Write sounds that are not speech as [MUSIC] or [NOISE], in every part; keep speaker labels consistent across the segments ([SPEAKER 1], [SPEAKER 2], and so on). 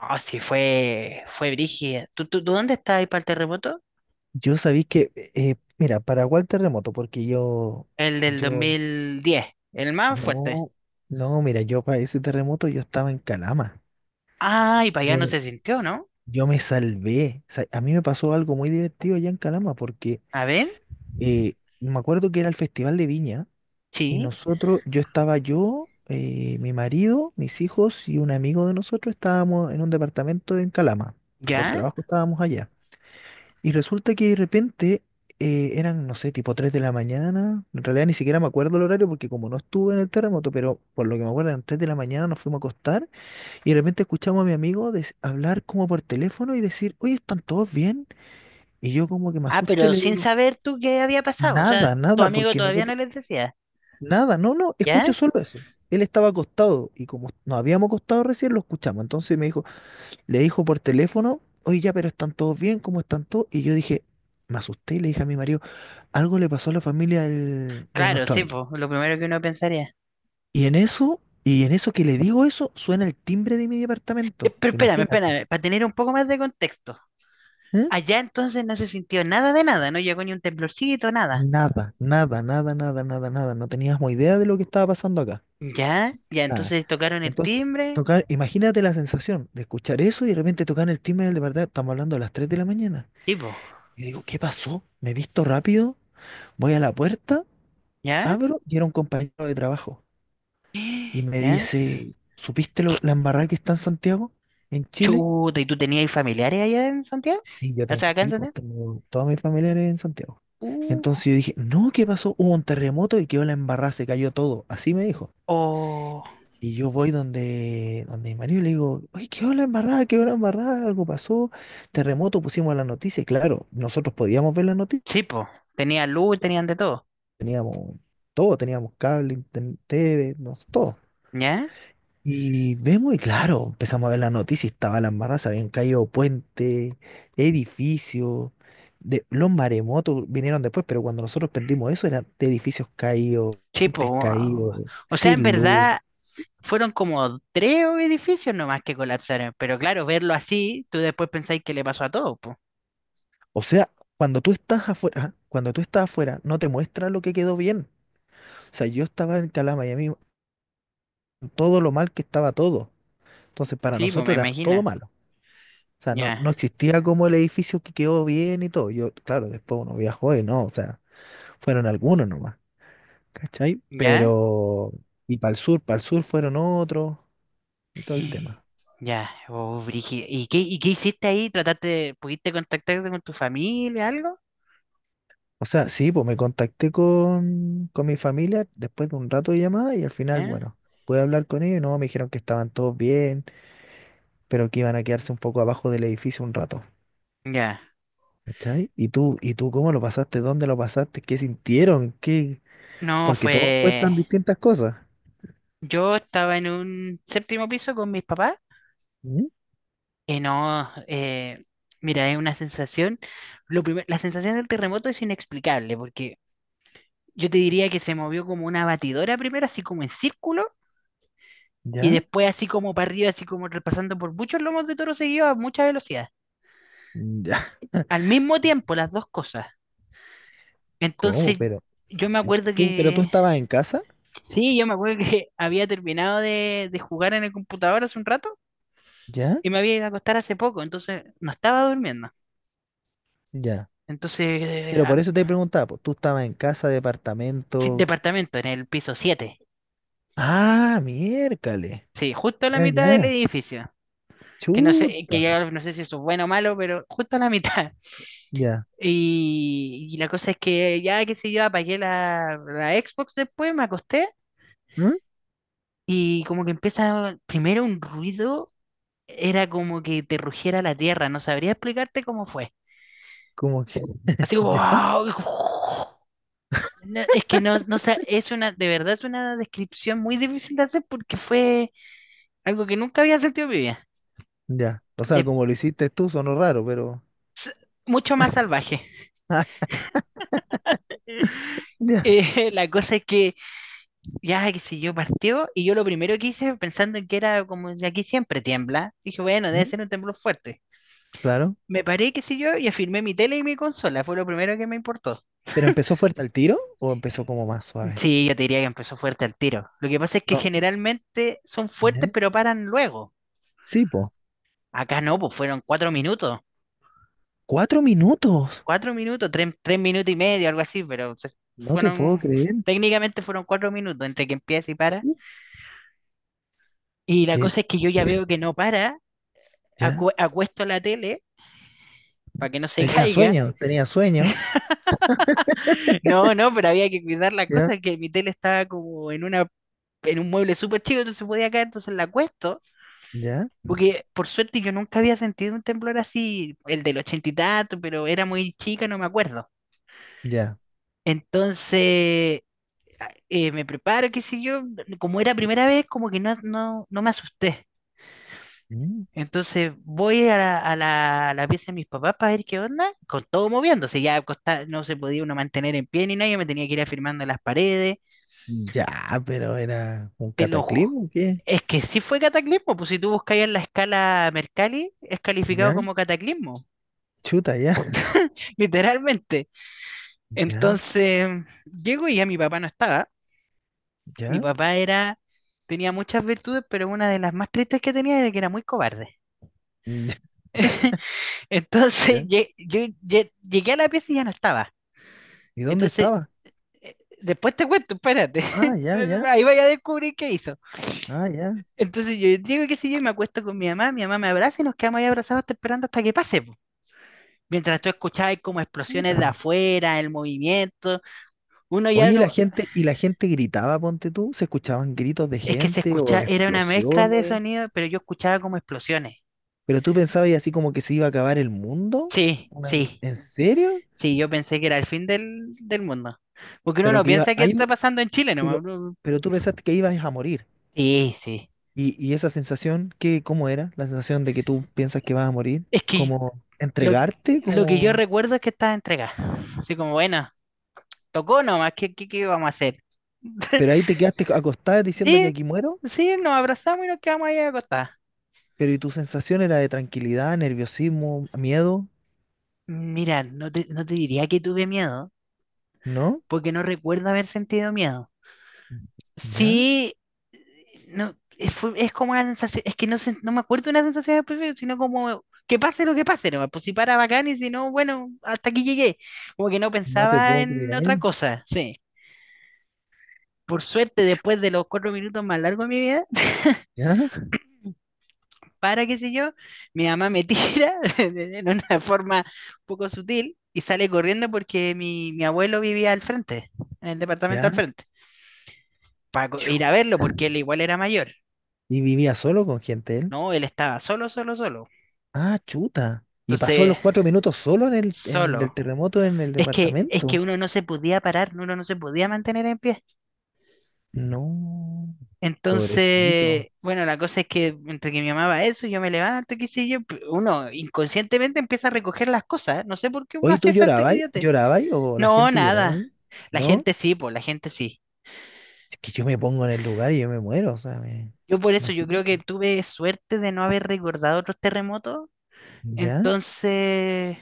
[SPEAKER 1] No, sí, fue brígida. ¿Tú dónde estás ahí para el terremoto?
[SPEAKER 2] Yo sabéis que, mira, ¿para cuál terremoto? Porque
[SPEAKER 1] El del dos
[SPEAKER 2] yo,
[SPEAKER 1] mil diez el más fuerte.
[SPEAKER 2] no, no, mira, yo para ese terremoto yo estaba en Calama.
[SPEAKER 1] Ah, y para allá no
[SPEAKER 2] Yo,
[SPEAKER 1] se sintió, ¿no?
[SPEAKER 2] yo me salvé. O sea, a mí me pasó algo muy divertido allá en Calama porque
[SPEAKER 1] A ver,
[SPEAKER 2] eh, me acuerdo que era el Festival de Viña y
[SPEAKER 1] sí,
[SPEAKER 2] nosotros, mi marido, mis hijos y un amigo de nosotros estábamos en un departamento en Calama. Por
[SPEAKER 1] ya.
[SPEAKER 2] trabajo estábamos allá. Y resulta que de repente eran, no sé, tipo 3 de la mañana. En realidad ni siquiera me acuerdo el horario porque como no estuve en el terremoto, pero por lo que me acuerdo eran 3 de la mañana, nos fuimos a acostar y de repente escuchamos a mi amigo hablar como por teléfono y decir, oye, ¿están todos bien? Y yo como que me
[SPEAKER 1] Ah,
[SPEAKER 2] asusto y
[SPEAKER 1] pero
[SPEAKER 2] le
[SPEAKER 1] sin
[SPEAKER 2] digo,
[SPEAKER 1] saber tú qué había pasado. O sea,
[SPEAKER 2] nada,
[SPEAKER 1] tu
[SPEAKER 2] nada,
[SPEAKER 1] amigo
[SPEAKER 2] porque
[SPEAKER 1] todavía no
[SPEAKER 2] nosotros,
[SPEAKER 1] les decía,
[SPEAKER 2] nada, no, no, escucho
[SPEAKER 1] ¿ya?
[SPEAKER 2] solo eso. Él estaba acostado y como nos habíamos acostado recién, lo escuchamos. Entonces me dijo, le dijo por teléfono, oye, ya, pero están todos bien, ¿cómo están todos? Y yo dije, me asusté y le dije a mi marido, algo le pasó a la familia de
[SPEAKER 1] Claro,
[SPEAKER 2] nuestro
[SPEAKER 1] sí,
[SPEAKER 2] amigo.
[SPEAKER 1] pues, lo primero que uno pensaría.
[SPEAKER 2] Y en eso que le digo eso, suena el timbre de mi departamento.
[SPEAKER 1] Pero espérame,
[SPEAKER 2] Imagínate.
[SPEAKER 1] espérame, para tener un poco más de contexto.
[SPEAKER 2] ¿Mm?
[SPEAKER 1] Allá entonces no se sintió nada de nada, no llegó ni un temblorcito, nada.
[SPEAKER 2] Nada, nada, nada, nada, nada, nada. No teníamos idea de lo que estaba pasando acá.
[SPEAKER 1] ¿Ya? Ya,
[SPEAKER 2] Nada.
[SPEAKER 1] entonces tocaron el
[SPEAKER 2] Entonces,
[SPEAKER 1] timbre,
[SPEAKER 2] tocar, imagínate la sensación de escuchar eso y de repente tocar el timbre del departamento. Estamos hablando a las 3 de la mañana.
[SPEAKER 1] tipo,
[SPEAKER 2] Y digo, ¿qué pasó? ¿Me he visto rápido? Voy a la puerta.
[SPEAKER 1] ¿ya?
[SPEAKER 2] Abro y era un compañero de trabajo. Y
[SPEAKER 1] [GASPS]
[SPEAKER 2] me
[SPEAKER 1] ¿Ya?
[SPEAKER 2] dice, ¿supiste lo, la embarrada que está en Santiago, en Chile?
[SPEAKER 1] Chuta, ¿y tú tenías familiares allá en Santiago?
[SPEAKER 2] Sí, yo
[SPEAKER 1] O
[SPEAKER 2] tengo,
[SPEAKER 1] sea, acá en
[SPEAKER 2] sí, pues
[SPEAKER 1] Santiago.
[SPEAKER 2] tengo todos mis familiares en Santiago.
[SPEAKER 1] Uh,
[SPEAKER 2] Entonces yo dije, no, ¿qué pasó? Hubo un terremoto y quedó la embarrada, se cayó todo. Así me dijo.
[SPEAKER 1] oh,
[SPEAKER 2] Y yo voy donde, donde mi marido y le digo, oye, quedó la embarrada, algo pasó, terremoto, pusimos la noticia. Y claro, nosotros podíamos ver la noticia,
[SPEAKER 1] sí, po. Tenían luz, tenían de todo.
[SPEAKER 2] teníamos todo, teníamos cable, internet, TV, no, sé, todo.
[SPEAKER 1] ¿Ya?
[SPEAKER 2] Y vemos, y claro, empezamos a ver las noticias, estaba la embarrada, se habían caído puentes, edificios, de, los maremotos vinieron después, pero cuando nosotros prendimos eso eran de edificios caídos,
[SPEAKER 1] Sí, po.
[SPEAKER 2] puentes
[SPEAKER 1] Wow.
[SPEAKER 2] caídos,
[SPEAKER 1] O sea, en
[SPEAKER 2] sin luz.
[SPEAKER 1] verdad fueron como tres edificios nomás que colapsaron. Pero claro, verlo así, tú después pensáis que le pasó a todo, po.
[SPEAKER 2] O sea, cuando tú estás afuera, cuando tú estás afuera, no te muestra lo que quedó bien. O sea, yo estaba en Calama y a mí todo lo mal que estaba todo. Entonces, para
[SPEAKER 1] Sí, po, me
[SPEAKER 2] nosotros era todo
[SPEAKER 1] imagino.
[SPEAKER 2] malo. O sea, no,
[SPEAKER 1] Ya,
[SPEAKER 2] no existía como el edificio que quedó bien y todo. Yo, claro, después uno viajó y no, o sea, fueron algunos nomás, ¿cachai?
[SPEAKER 1] ya,
[SPEAKER 2] Pero, y para el sur fueron otros y todo el tema.
[SPEAKER 1] ya. Oh, brígido. y qué hiciste ahí? ¿Trataste, pudiste contactarte con tu familia, algo?
[SPEAKER 2] O sea, sí, pues me contacté con mi familia después de un rato de llamada y al final,
[SPEAKER 1] ¿Ya?
[SPEAKER 2] bueno, pude hablar con ellos y no, me dijeron que estaban todos bien, pero que iban a quedarse un poco abajo del edificio un rato.
[SPEAKER 1] Ya.
[SPEAKER 2] ¿Cachai? Y tú cómo lo pasaste? ¿Dónde lo pasaste? ¿Qué sintieron? ¿Qué?
[SPEAKER 1] No,
[SPEAKER 2] Porque todos
[SPEAKER 1] fue.
[SPEAKER 2] cuestan distintas cosas.
[SPEAKER 1] Yo estaba en un séptimo piso con mis papás.
[SPEAKER 2] ¿Mm?
[SPEAKER 1] Y no, mira, es una sensación. La sensación del terremoto es inexplicable, porque yo te diría que se movió como una batidora primero, así como en círculo, y
[SPEAKER 2] ¿Ya?
[SPEAKER 1] después así como para arriba, así como repasando por muchos lomos de toro seguido a mucha velocidad.
[SPEAKER 2] ¿Ya?
[SPEAKER 1] Al mismo tiempo, las dos cosas.
[SPEAKER 2] [LAUGHS] ¿Cómo?
[SPEAKER 1] Entonces, yo me acuerdo
[SPEAKER 2] Pero tú
[SPEAKER 1] que.
[SPEAKER 2] estabas en casa?
[SPEAKER 1] Sí, yo me acuerdo que [LAUGHS] había terminado de jugar en el computador hace un rato
[SPEAKER 2] ¿Ya?
[SPEAKER 1] y me había ido a acostar hace poco, entonces no estaba durmiendo.
[SPEAKER 2] ¿Ya?
[SPEAKER 1] Entonces,
[SPEAKER 2] Pero por eso te preguntaba, pues, tú estabas en casa,
[SPEAKER 1] sí,
[SPEAKER 2] departamento.
[SPEAKER 1] departamento en el piso siete.
[SPEAKER 2] Ah, miércoles.
[SPEAKER 1] Sí, justo a la
[SPEAKER 2] Ya,
[SPEAKER 1] mitad del
[SPEAKER 2] ya.
[SPEAKER 1] edificio. Que no sé,
[SPEAKER 2] Chuta.
[SPEAKER 1] que ya no sé si eso es bueno o malo, pero justo a la mitad. [LAUGHS]
[SPEAKER 2] Ya.
[SPEAKER 1] Y la cosa es que ya, qué sé yo, apagué la, Xbox después, me acosté
[SPEAKER 2] ¿Mm?
[SPEAKER 1] y como que empieza primero un ruido, era como que te rugiera la tierra, no sabría explicarte cómo fue.
[SPEAKER 2] Como que,
[SPEAKER 1] Así
[SPEAKER 2] [LAUGHS]
[SPEAKER 1] como,
[SPEAKER 2] ya,
[SPEAKER 1] ¡guau! [LAUGHS] No, es que no sé, es una, de verdad es una descripción muy difícil de hacer porque fue algo que nunca había sentido en mi vida.
[SPEAKER 2] ya. O sea,
[SPEAKER 1] De-
[SPEAKER 2] como lo hiciste tú, sonó raro, pero. [LAUGHS]
[SPEAKER 1] Mucho más salvaje.
[SPEAKER 2] Ah,
[SPEAKER 1] [LAUGHS]
[SPEAKER 2] ya.
[SPEAKER 1] La cosa es que ya, que si yo, partió y yo lo primero que hice, pensando en que era como de aquí siempre tiembla, dije, bueno, debe
[SPEAKER 2] ¿Mm?
[SPEAKER 1] ser un temblor fuerte.
[SPEAKER 2] Claro.
[SPEAKER 1] Me paré, qué sé yo, y afirmé mi tele y mi consola, fue lo primero que me importó.
[SPEAKER 2] ¿Pero empezó fuerte el tiro o empezó como más suave?
[SPEAKER 1] Sí, yo te diría que empezó fuerte al tiro. Lo que pasa es que
[SPEAKER 2] No.
[SPEAKER 1] generalmente son
[SPEAKER 2] ¿Ya?
[SPEAKER 1] fuertes pero paran luego.
[SPEAKER 2] Sí, po.
[SPEAKER 1] Acá no, pues fueron 4 minutos.
[SPEAKER 2] Cuatro minutos.
[SPEAKER 1] Cuatro minutos, tres minutos y medio, algo así, pero
[SPEAKER 2] No te puedo
[SPEAKER 1] fueron,
[SPEAKER 2] creer.
[SPEAKER 1] técnicamente fueron 4 minutos entre que empieza y para.
[SPEAKER 2] Uh,
[SPEAKER 1] Y la
[SPEAKER 2] que
[SPEAKER 1] cosa es que yo ya veo que no para,
[SPEAKER 2] ya.
[SPEAKER 1] acuesto la tele para que no se [LAUGHS]
[SPEAKER 2] Tenía
[SPEAKER 1] caiga.
[SPEAKER 2] sueño, tenía sueño.
[SPEAKER 1] No, no, pero había que cuidar la
[SPEAKER 2] Ya.
[SPEAKER 1] cosa, que mi tele estaba como en una, en un mueble súper chico, entonces podía caer, entonces la acuesto.
[SPEAKER 2] Ya,
[SPEAKER 1] Porque por suerte yo nunca había sentido un temblor así, el del ochenta y tanto, pero era muy chica, no me acuerdo.
[SPEAKER 2] ya.
[SPEAKER 1] Entonces me preparo, qué sé yo, como era primera vez, como que no, no me asusté.
[SPEAKER 2] Mm.
[SPEAKER 1] Entonces voy a la pieza de mis papás para ver qué onda, con todo moviéndose, no se podía uno mantener en pie ni nada, yo me tenía que ir afirmando en las paredes,
[SPEAKER 2] Ya, pero era un
[SPEAKER 1] te lo...
[SPEAKER 2] cataclismo, ¿qué?
[SPEAKER 1] Es que sí fue cataclismo, pues si tú buscas en la escala Mercalli, es calificado
[SPEAKER 2] Ya,
[SPEAKER 1] como cataclismo,
[SPEAKER 2] chuta, ya,
[SPEAKER 1] [LAUGHS] literalmente.
[SPEAKER 2] ya,
[SPEAKER 1] Entonces, llego y ya mi papá no estaba. Mi
[SPEAKER 2] ya,
[SPEAKER 1] papá tenía muchas virtudes, pero una de las más tristes que tenía era que era muy cobarde.
[SPEAKER 2] mm,
[SPEAKER 1] [LAUGHS] Entonces,
[SPEAKER 2] ya.
[SPEAKER 1] yo llegué a la pieza y ya no estaba.
[SPEAKER 2] ¿Y dónde
[SPEAKER 1] Entonces,
[SPEAKER 2] estaba?
[SPEAKER 1] eh, después te cuento, espérate.
[SPEAKER 2] Ah,
[SPEAKER 1] [LAUGHS]
[SPEAKER 2] ya, ya,
[SPEAKER 1] Ahí vaya a descubrir qué hizo.
[SPEAKER 2] ah, ya,
[SPEAKER 1] Entonces, yo digo que si yo y me acuesto con mi mamá me abraza y nos quedamos ahí abrazados hasta esperando hasta que pase, po. Mientras tú escuchabas como explosiones de
[SPEAKER 2] puta.
[SPEAKER 1] afuera, el movimiento, uno ya
[SPEAKER 2] Oye,
[SPEAKER 1] no...
[SPEAKER 2] y la gente gritaba, ponte tú, se escuchaban gritos de
[SPEAKER 1] Es que se
[SPEAKER 2] gente
[SPEAKER 1] escuchaba,
[SPEAKER 2] o
[SPEAKER 1] era una mezcla de
[SPEAKER 2] explosiones,
[SPEAKER 1] sonidos, pero yo escuchaba como explosiones.
[SPEAKER 2] pero tú pensabas y así como que se iba a acabar el mundo,
[SPEAKER 1] Sí, sí,
[SPEAKER 2] ¿En serio?
[SPEAKER 1] sí, yo pensé que era el fin del mundo. Porque uno
[SPEAKER 2] Pero
[SPEAKER 1] no
[SPEAKER 2] que iba,
[SPEAKER 1] piensa que
[SPEAKER 2] ahí,
[SPEAKER 1] está
[SPEAKER 2] mu-
[SPEAKER 1] pasando en Chile, nomás.
[SPEAKER 2] pero, pero tú pensaste que ibas a morir.
[SPEAKER 1] Sí, sí.
[SPEAKER 2] Y esa sensación, ¿qué, cómo era? La sensación de que tú piensas que vas a morir,
[SPEAKER 1] Es que
[SPEAKER 2] como
[SPEAKER 1] lo,
[SPEAKER 2] entregarte,
[SPEAKER 1] lo que yo
[SPEAKER 2] como...
[SPEAKER 1] recuerdo es que estaba entregada. Así como, bueno, tocó nomás, ¿qué vamos a hacer?
[SPEAKER 2] Pero ahí te quedaste acostada diciendo ya
[SPEAKER 1] Sí,
[SPEAKER 2] aquí muero,
[SPEAKER 1] sí, nos abrazamos y nos quedamos ahí acostadas.
[SPEAKER 2] pero y tu sensación era de tranquilidad, nerviosismo, miedo,
[SPEAKER 1] Mira, no te diría que tuve miedo,
[SPEAKER 2] ¿no?
[SPEAKER 1] porque no recuerdo haber sentido miedo.
[SPEAKER 2] ¿Ya?
[SPEAKER 1] Sí, no, es como una sensación, es que no sé, no me acuerdo de una sensación específica, sino como que pase lo que pase, nomás, pues si para bacán y si no, bueno, hasta aquí llegué. Como que no
[SPEAKER 2] No te
[SPEAKER 1] pensaba
[SPEAKER 2] puedo
[SPEAKER 1] en
[SPEAKER 2] creer.
[SPEAKER 1] otra cosa, sí. Por suerte,
[SPEAKER 2] Chu.
[SPEAKER 1] después de los 4 minutos más largos de mi vida, [LAUGHS]
[SPEAKER 2] ¿Ya?
[SPEAKER 1] para qué sé yo, mi mamá me tira [LAUGHS] en una forma un poco sutil y sale corriendo porque mi abuelo vivía al frente, en el departamento al
[SPEAKER 2] ¿Ya?
[SPEAKER 1] frente, para
[SPEAKER 2] Chu.
[SPEAKER 1] ir a verlo porque él igual era mayor,
[SPEAKER 2] ¿Y vivía solo con gente él?
[SPEAKER 1] ¿no? Él estaba solo, solo, solo.
[SPEAKER 2] Ah, chuta. ¿Y pasó
[SPEAKER 1] Entonces,
[SPEAKER 2] los cuatro minutos solo en el en, del
[SPEAKER 1] solo.
[SPEAKER 2] terremoto en el
[SPEAKER 1] Es que
[SPEAKER 2] departamento?
[SPEAKER 1] uno no se podía parar, uno no se podía mantener en pie.
[SPEAKER 2] No, pobrecito.
[SPEAKER 1] Entonces, bueno, la cosa es que entre que mi mamá va a eso, yo me levanto, qué sé yo, uno inconscientemente empieza a recoger las cosas. ¿Eh? No sé por qué uno
[SPEAKER 2] Oye,
[SPEAKER 1] hace
[SPEAKER 2] ¿tú
[SPEAKER 1] esa
[SPEAKER 2] llorabas?
[SPEAKER 1] idiote.
[SPEAKER 2] ¿Llorabas? ¿O la
[SPEAKER 1] No,
[SPEAKER 2] gente lloraba?
[SPEAKER 1] nada. La
[SPEAKER 2] ¿No?
[SPEAKER 1] gente sí, pues, la gente sí.
[SPEAKER 2] Es que yo me pongo en el lugar y yo me muero, o sea, me...
[SPEAKER 1] Yo por
[SPEAKER 2] No
[SPEAKER 1] eso yo
[SPEAKER 2] sé.
[SPEAKER 1] creo que tuve suerte de no haber recordado otros terremotos.
[SPEAKER 2] ¿Ya?
[SPEAKER 1] Entonces,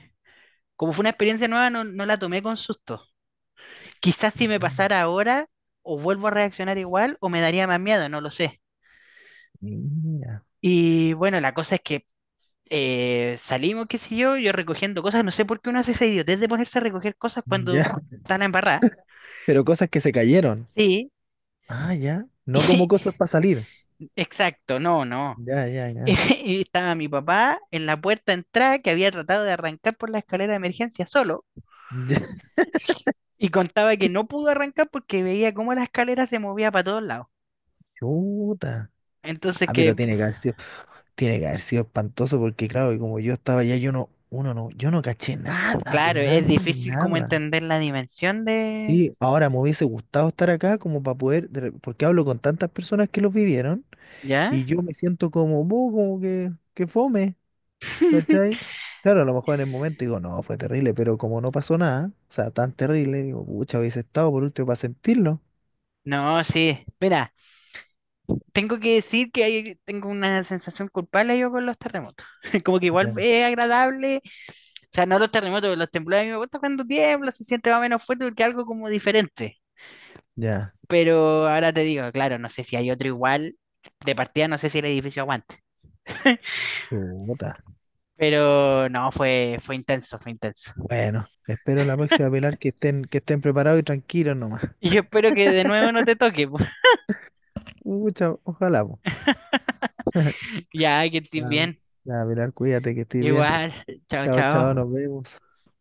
[SPEAKER 1] como fue una experiencia nueva, no, no la tomé con susto. Quizás si me pasara ahora, o vuelvo a reaccionar igual, o me daría más miedo, no lo sé.
[SPEAKER 2] Mira.
[SPEAKER 1] Y bueno, la cosa es que salimos, qué sé yo, yo recogiendo cosas, no sé por qué uno hace esa idiotez de ponerse a recoger cosas
[SPEAKER 2] Ya.
[SPEAKER 1] cuando
[SPEAKER 2] [LAUGHS]
[SPEAKER 1] está la embarrada.
[SPEAKER 2] Pero cosas que se cayeron.
[SPEAKER 1] Sí.
[SPEAKER 2] Ah, ya. No como cosas para
[SPEAKER 1] [LAUGHS]
[SPEAKER 2] salir.
[SPEAKER 1] Exacto, no, no.
[SPEAKER 2] Ya, ya, ya.
[SPEAKER 1] [LAUGHS] Y estaba mi papá en la puerta de entrada que había tratado de arrancar por la escalera de emergencia solo
[SPEAKER 2] Ya.
[SPEAKER 1] y contaba que no pudo arrancar porque veía cómo la escalera se movía para todos lados.
[SPEAKER 2] Chuta.
[SPEAKER 1] Entonces
[SPEAKER 2] Ah, pero
[SPEAKER 1] que,
[SPEAKER 2] tiene que haber sido, tiene que haber sido espantoso porque, claro, y como yo estaba allá, yo no, uno no, yo no caché nada, de
[SPEAKER 1] claro,
[SPEAKER 2] nada,
[SPEAKER 1] es
[SPEAKER 2] de
[SPEAKER 1] difícil como
[SPEAKER 2] nada.
[SPEAKER 1] entender la dimensión de...
[SPEAKER 2] Sí, ahora me hubiese gustado estar acá como para poder, porque hablo con tantas personas que los vivieron.
[SPEAKER 1] ¿Ya?
[SPEAKER 2] Y yo me siento como, "Bu, como que fome, ¿cachai?
[SPEAKER 1] [LAUGHS]
[SPEAKER 2] Claro, a lo mejor en el momento digo, no, fue terrible, pero como no pasó nada, o sea, tan terrible, digo, pucha, hubiese estado por último para sentirlo.
[SPEAKER 1] No, sí. Mira. Tengo que decir que tengo una sensación culpable yo con los terremotos. [LAUGHS] Como que igual
[SPEAKER 2] Ya.
[SPEAKER 1] es agradable, o sea, no los terremotos, pero los temblores a mí me gusta cuando tiembla, se siente más o menos fuerte porque es algo como diferente.
[SPEAKER 2] Ya,
[SPEAKER 1] Pero ahora te digo, claro, no sé si hay otro igual, de partida no sé si el edificio aguante.
[SPEAKER 2] chuta.
[SPEAKER 1] Pero no, fue intenso, fue intenso.
[SPEAKER 2] Bueno, espero la próxima Pilar que estén preparados y tranquilos nomás.
[SPEAKER 1] Y yo espero que de nuevo no te toque. [LAUGHS]
[SPEAKER 2] Pucha, ojalá, po.
[SPEAKER 1] Ya, que
[SPEAKER 2] Ya,
[SPEAKER 1] estés bien.
[SPEAKER 2] ya, Pilar, cuídate que estés bien.
[SPEAKER 1] Igual, chao,
[SPEAKER 2] Chao, chao,
[SPEAKER 1] chao.
[SPEAKER 2] nos vemos.